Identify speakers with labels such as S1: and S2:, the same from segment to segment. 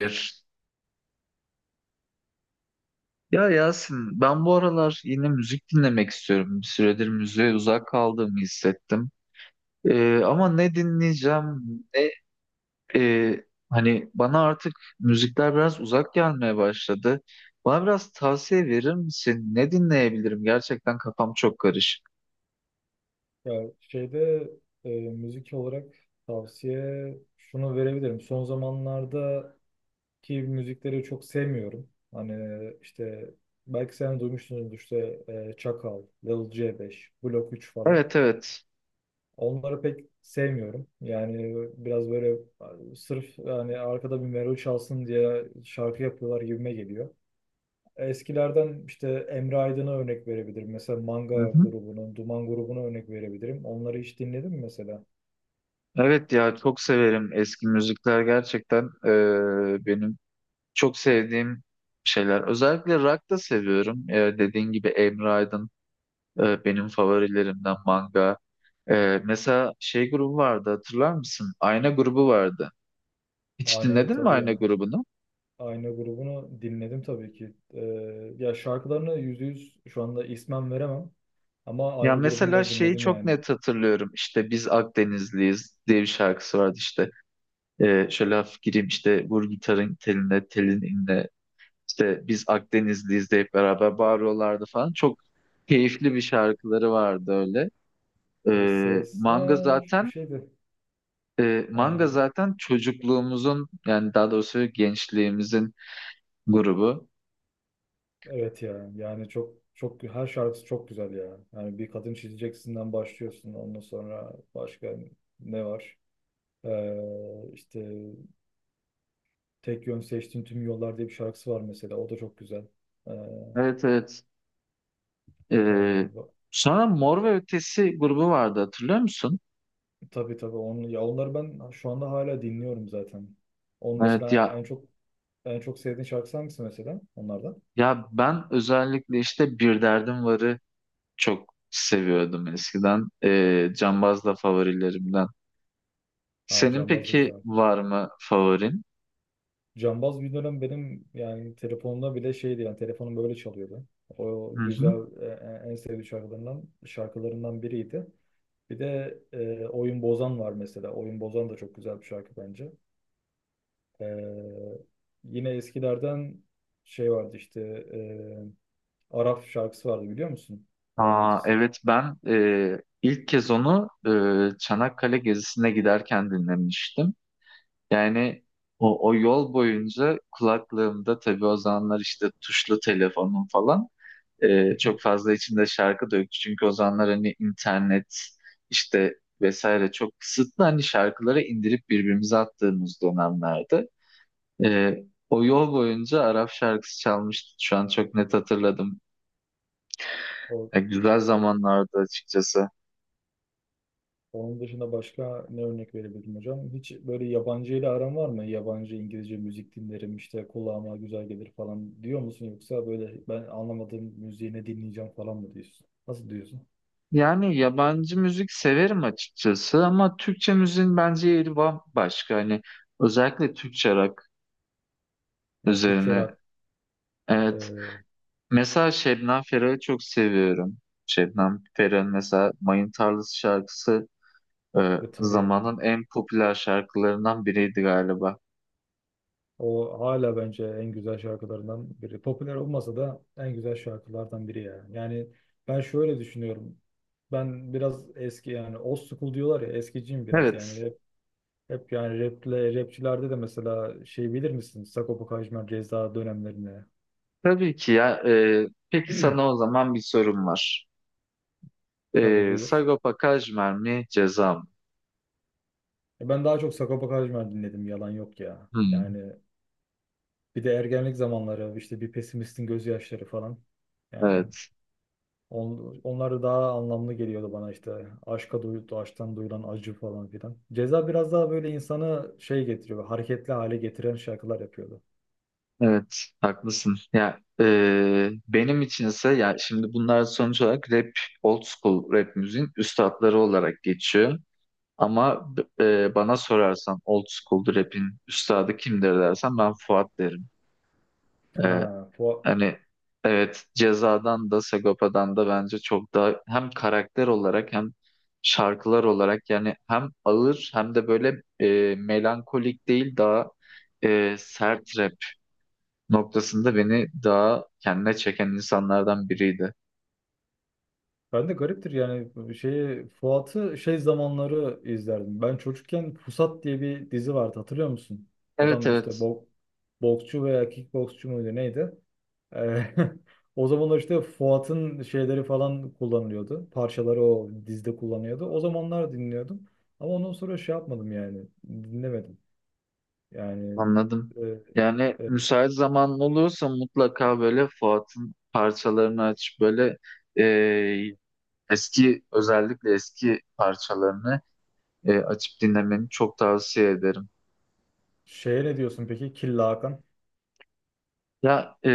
S1: Bir. Ya Yasin, ben bu aralar yine müzik dinlemek istiyorum. Bir süredir müziğe uzak kaldığımı hissettim. Ama ne dinleyeceğim, ne hani bana artık müzikler biraz uzak gelmeye başladı. Bana biraz tavsiye verir misin? Ne dinleyebilirim? Gerçekten kafam çok karışık.
S2: Ya müzik olarak tavsiye şunu verebilirim. Son zamanlardaki müzikleri çok sevmiyorum. Hani işte belki sen duymuşsunuz işte Çakal, Lil C5, Blok 3 falan.
S1: Evet, evet.
S2: Onları pek sevmiyorum. Yani biraz böyle sırf yani arkada bir melodi çalsın diye şarkı yapıyorlar gibime geliyor. Eskilerden işte Emre Aydın'a örnek verebilirim. Mesela
S1: Hı
S2: Manga
S1: hı.
S2: grubunun, Duman grubuna örnek verebilirim. Onları hiç dinledin mi mesela?
S1: Evet ya, çok severim eski müzikler gerçekten. Benim çok sevdiğim şeyler. Özellikle rock da seviyorum. E, dediğin gibi Emre Aydın. Benim favorilerimden manga. Mesela şey grubu vardı, hatırlar mısın? Ayna grubu vardı. Hiç
S2: Aynayı
S1: dinledin mi
S2: tabii
S1: Ayna
S2: ya.
S1: grubunu?
S2: Ayna grubunu dinledim tabii ki. Ya şarkılarını yüzde yüz şu anda ismen veremem. Ama
S1: Ya
S2: Ayna grubunu
S1: mesela
S2: da
S1: şeyi
S2: dinledim
S1: çok
S2: yani.
S1: net hatırlıyorum. İşte biz Akdenizliyiz diye bir şarkısı vardı işte. Şöyle hafif gireyim işte, vur gitarın teline, telin inle. İşte biz Akdenizliyiz deyip beraber bağırıyorlardı falan. Çok keyifli bir şarkıları vardı öyle.
S2: Böyle
S1: Ee, manga
S2: sesler bir
S1: zaten
S2: şeydi.
S1: manga
S2: Ee,
S1: zaten çocukluğumuzun, yani daha doğrusu gençliğimizin grubu.
S2: evet ya yani çok çok her şarkısı çok güzel ya. Yani bir kadın çizeceksinden başlıyorsun. Ondan sonra başka ne var? İşte tek yön seçtiğin tüm yollar diye bir şarkısı var mesela. O da çok güzel. Ee,
S1: Evet evet.
S2: e,
S1: Ee, Sonra Mor ve Ötesi grubu vardı, hatırlıyor musun?
S2: Tabii tabii onu, ya onları ben şu anda hala dinliyorum zaten. Onun
S1: Evet
S2: mesela
S1: ya,
S2: en çok en çok sevdiğin şarkısı hangisi mesela onlardan?
S1: ya ben özellikle işte Bir Derdim Var'ı çok seviyordum eskiden. Cambaz da favorilerimden.
S2: Ha,
S1: Senin
S2: Cambaz da
S1: peki
S2: güzel.
S1: var mı favorin?
S2: Cambaz bir dönem benim yani telefonumda bile şeydi, yani telefonum böyle çalıyordu. O
S1: Hı hı.
S2: güzel en sevdiğim şarkılarından biriydi. Bir de Oyun Bozan var mesela. Oyun Bozan da çok güzel bir şarkı bence. E, Yine eskilerden şey vardı işte, e, Arap şarkısı vardı biliyor musun? Mor ve
S1: Aa,
S2: Ötesi.
S1: evet, ben ilk kez onu Çanakkale gezisine giderken dinlemiştim. Yani o yol boyunca kulaklığımda, tabii o zamanlar işte tuşlu telefonum falan, çok fazla içinde şarkı da yok. Çünkü o zamanlar hani internet işte vesaire çok kısıtlı, hani şarkıları indirip birbirimize attığımız dönemlerde. E, O yol boyunca Arap şarkısı çalmıştı. Şu an çok net hatırladım.
S2: O
S1: E, güzel zamanlardı açıkçası.
S2: Onun dışında başka ne örnek verebilirim hocam? Hiç böyle yabancı ile aran var mı? Yabancı İngilizce müzik dinlerim işte kulağıma güzel gelir falan diyor musun? Yoksa böyle ben anlamadığım müziği ne dinleyeceğim falan mı diyorsun? Nasıl diyorsun?
S1: Yani yabancı müzik severim açıkçası, ama Türkçe müziğin bence yeri bambaşka. Hani özellikle Türkçe rock
S2: Ya Türkçe
S1: üzerine.
S2: rock
S1: Evet.
S2: e,
S1: Mesela Şebnem Ferah'ı çok seviyorum. Şebnem Ferah'ın mesela Mayın Tarlası şarkısı
S2: ve tabii ya.
S1: zamanın en popüler şarkılarından biriydi galiba.
S2: O hala bence en güzel şarkılarından biri. Popüler olmasa da en güzel şarkılardan biri ya. Yani ben şöyle düşünüyorum. Ben biraz eski, yani old school diyorlar ya, eskiciyim biraz
S1: Evet.
S2: yani. Hep yani raple, rapçilerde de mesela şey bilir misin? Sagopa Kajmer, Ceza dönemlerine.
S1: Tabii ki ya. E, peki sana o zaman bir sorum var.
S2: Tabii,
S1: E,
S2: buyur.
S1: Sagopa Kajmer mi Ceza mı?
S2: E, ben daha çok Sagopa Kajmer dinledim, yalan yok ya.
S1: Hmm.
S2: Yani bir de ergenlik zamanları işte bir pesimistin gözyaşları falan. Yani
S1: Evet.
S2: onlar da daha anlamlı geliyordu bana işte. Aşka duyuldu, aşktan duyulan acı falan filan. Ceza biraz daha böyle insanı şey getiriyor, hareketli hale getiren şarkılar yapıyordu.
S1: Evet. Haklısın. Ya, benim içinse, ya şimdi bunlar sonuç olarak rap, old school rap müziğin üstatları olarak geçiyor. Ama bana sorarsan old school rap'in üstadı kimdir dersen, ben Fuat derim. E,
S2: Ha, Fuat.
S1: hani evet, Ceza'dan da Sagopa'dan da bence çok daha hem karakter olarak hem şarkılar olarak, yani hem ağır hem de böyle melankolik değil, daha sert rap noktasında beni daha kendine çeken insanlardan biriydi.
S2: Ben de gariptir yani şeyi, Fuat'ı şey zamanları izlerdim. Ben çocukken Pusat diye bir dizi vardı, hatırlıyor musun?
S1: Evet
S2: Adam işte
S1: evet.
S2: boksçu veya kickboksçu muydu neydi? Ee, O zamanlar işte Fuat'ın şeyleri falan kullanılıyordu. Parçaları o dizide kullanıyordu. O zamanlar dinliyordum. Ama ondan sonra şey yapmadım yani. Dinlemedim. Yani
S1: Anladım.
S2: e,
S1: Yani
S2: e,
S1: müsait zaman olursa mutlaka böyle Fuat'ın parçalarını aç, böyle e, eski, özellikle eski parçalarını açıp dinlemeni çok tavsiye ederim.
S2: Şeye ne diyorsun peki? Killa Hakan.
S1: Ya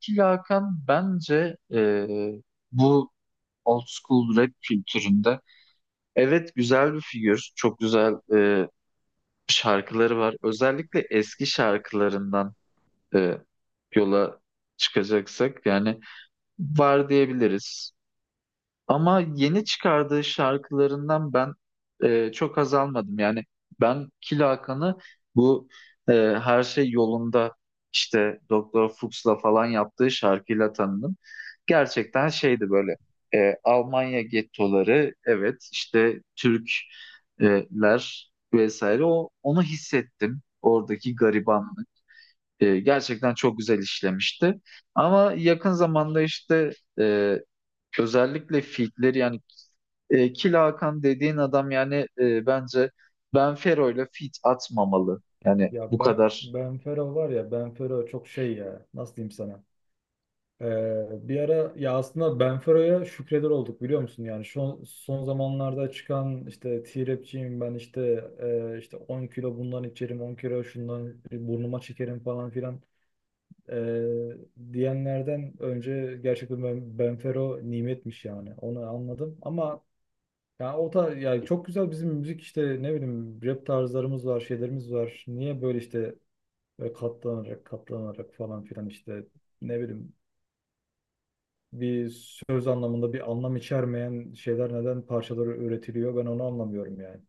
S1: ki Hakan bence bu old school rap kültüründe evet güzel bir figür. Çok güzel şarkıları var. Özellikle eski şarkılarından e, yola çıkacaksak, yani var diyebiliriz. Ama yeni çıkardığı şarkılarından ben çok haz almadım. Yani ben Killa Hakan'ı bu e, her şey yolunda işte Doktor Fuchs'la falan yaptığı şarkıyla tanıdım. Gerçekten şeydi böyle, Almanya gettoları, evet işte Türkler vesaire, onu hissettim oradaki garibanlık. E, gerçekten çok güzel işlemişti. Ama yakın zamanda işte e, özellikle fitleri yani, Kil Hakan dediğin adam yani, bence Benfero ile fit atmamalı. Yani
S2: Ya
S1: bu
S2: ben,
S1: kadar
S2: Ben Fero var ya, Ben Fero çok şey ya. Nasıl diyeyim sana? Bir ara ya aslında Benfero'ya şükreder olduk, biliyor musun? Yani şu son zamanlarda çıkan işte T-Rap'ciyim ben işte, işte 10 kilo bundan içerim, 10 kilo şundan burnuma çekerim falan filan e, diyenlerden önce gerçekten Benfero nimetmiş yani, onu anladım. Ama yani o da yani, çok güzel bizim müzik işte, ne bileyim rap tarzlarımız var, şeylerimiz var, niye böyle işte böyle katlanarak katlanarak falan filan işte, ne bileyim, bir söz anlamında bir anlam içermeyen şeyler neden parçaları üretiliyor, ben onu anlamıyorum yani.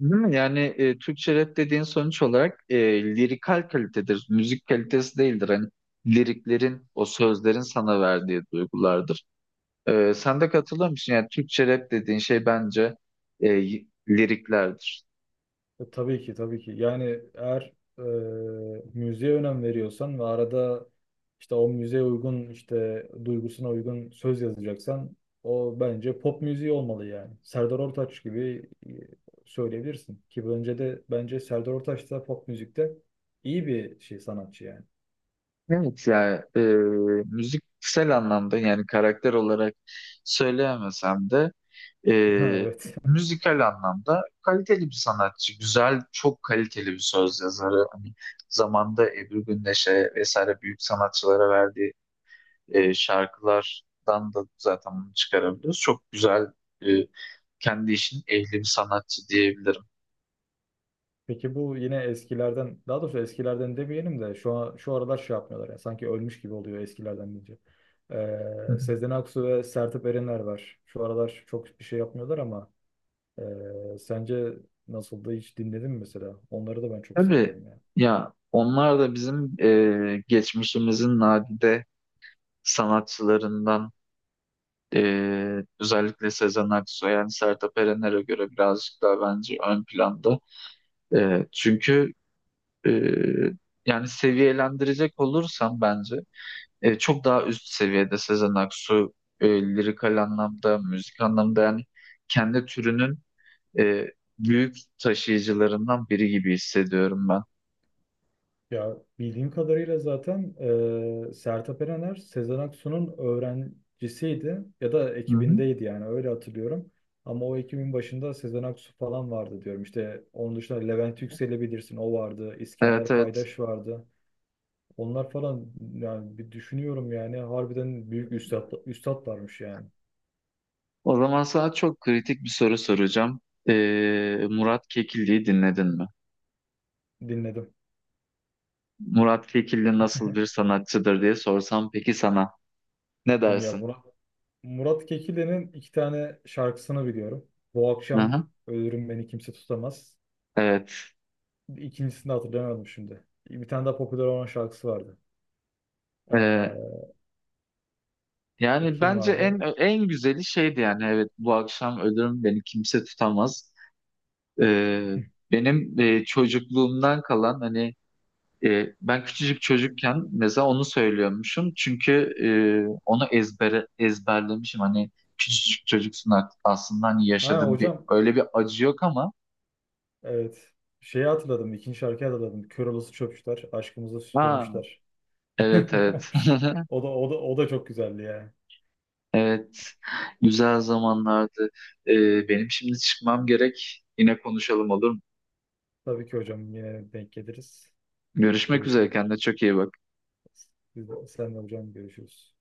S1: değil mi? Yani Türkçe rap dediğin sonuç olarak lirikal kalitedir. Müzik kalitesi değildir. Hani liriklerin, o sözlerin sana verdiği duygulardır. E, sen de katılır mısın? Yani Türkçe rap dediğin şey bence e, liriklerdir.
S2: Tabii ki tabii ki. Yani eğer e, müziğe önem veriyorsan ve arada işte o müziğe uygun işte duygusuna uygun söz yazacaksan, o bence pop müziği olmalı yani. Serdar Ortaç gibi söyleyebilirsin ki, bence de bence Serdar Ortaç da pop müzikte iyi bir sanatçı yani.
S1: Evet ya, müziksel anlamda yani karakter olarak söyleyemesem de,
S2: Ha,
S1: e,
S2: evet.
S1: müzikal anlamda kaliteli bir sanatçı. Güzel, çok kaliteli bir söz yazarı. Hani zamanda Ebru Gündeş'e vesaire büyük sanatçılara verdiği şarkılardan da zaten bunu çıkarabiliyoruz. Çok güzel, e, kendi işinin ehli bir sanatçı diyebilirim.
S2: Peki bu yine eskilerden, daha doğrusu eskilerden demeyelim de şu an, şu aralar şey yapmıyorlar ya, sanki ölmüş gibi oluyor eskilerden deyince.
S1: Hı hı.
S2: Sezen Aksu ve Sertab Erener var. Şu aralar çok bir şey yapmıyorlar ama sence nasıldı, hiç dinledin mi mesela? Onları da ben çok
S1: Tabii
S2: seviyorum.
S1: ya, onlar da bizim geçmişimizin nadide sanatçılarından. Özellikle Sezen Aksu yani Sertab Erener'e göre birazcık daha bence ön planda. E, çünkü e, yani seviyelendirecek olursam bence çok daha üst seviyede Sezen Aksu. Lirikal anlamda, müzik anlamda yani kendi türünün e, büyük taşıyıcılarından biri gibi hissediyorum ben.
S2: Ya bildiğim kadarıyla zaten Sertab Erener Sezen Aksu'nun öğrencisiydi ya da
S1: Hı hı.
S2: ekibindeydi, yani öyle hatırlıyorum. Ama o ekibin başında Sezen Aksu falan vardı diyorum. İşte onun dışında Levent Yüksel'i bilirsin, o vardı.
S1: Evet
S2: İskender
S1: evet.
S2: Paydaş vardı. Onlar falan yani, bir düşünüyorum yani harbiden büyük üstadlarmış yani.
S1: O zaman sana çok kritik bir soru soracağım. E, Murat Kekilli'yi dinledin mi?
S2: Dinledim.
S1: Murat Kekilli nasıl bir sanatçıdır diye sorsam peki sana, ne
S2: Ya
S1: dersin?
S2: Murat Kekilli'nin 2 tane şarkısını biliyorum. Bu
S1: Hı
S2: Akşam
S1: hı.
S2: Ölürüm Beni Kimse Tutamaz.
S1: Evet.
S2: İkincisini de hatırlayamadım şimdi. Bir tane daha popüler olan şarkısı vardı.
S1: Ee, yani
S2: Kim
S1: bence en
S2: vardı?
S1: en güzeli şeydi yani, evet, bu akşam ölürüm beni kimse tutamaz. Ee, benim çocukluğumdan kalan hani, ben küçücük çocukken mesela onu söylüyormuşum, çünkü e, onu ezbere ezberlemişim, hani küçücük çocuksun artık, aslında hani
S2: Ha
S1: yaşadığın bir
S2: hocam.
S1: öyle bir acı yok ama,
S2: Evet. Şeyi hatırladım. İkinci şarkıyı hatırladım. Kör olası çöpçüler. Aşkımızı
S1: ha
S2: süpürmüşler.
S1: evet evet.
S2: O da o da o da çok güzeldi ya.
S1: Evet, güzel zamanlardı. Benim şimdi çıkmam gerek. Yine konuşalım olur mu?
S2: Tabii ki hocam, yine denk geliriz.
S1: Görüşmek üzere.
S2: Görüşürüz.
S1: Kendine çok iyi bak.
S2: Sen de hocam, görüşürüz.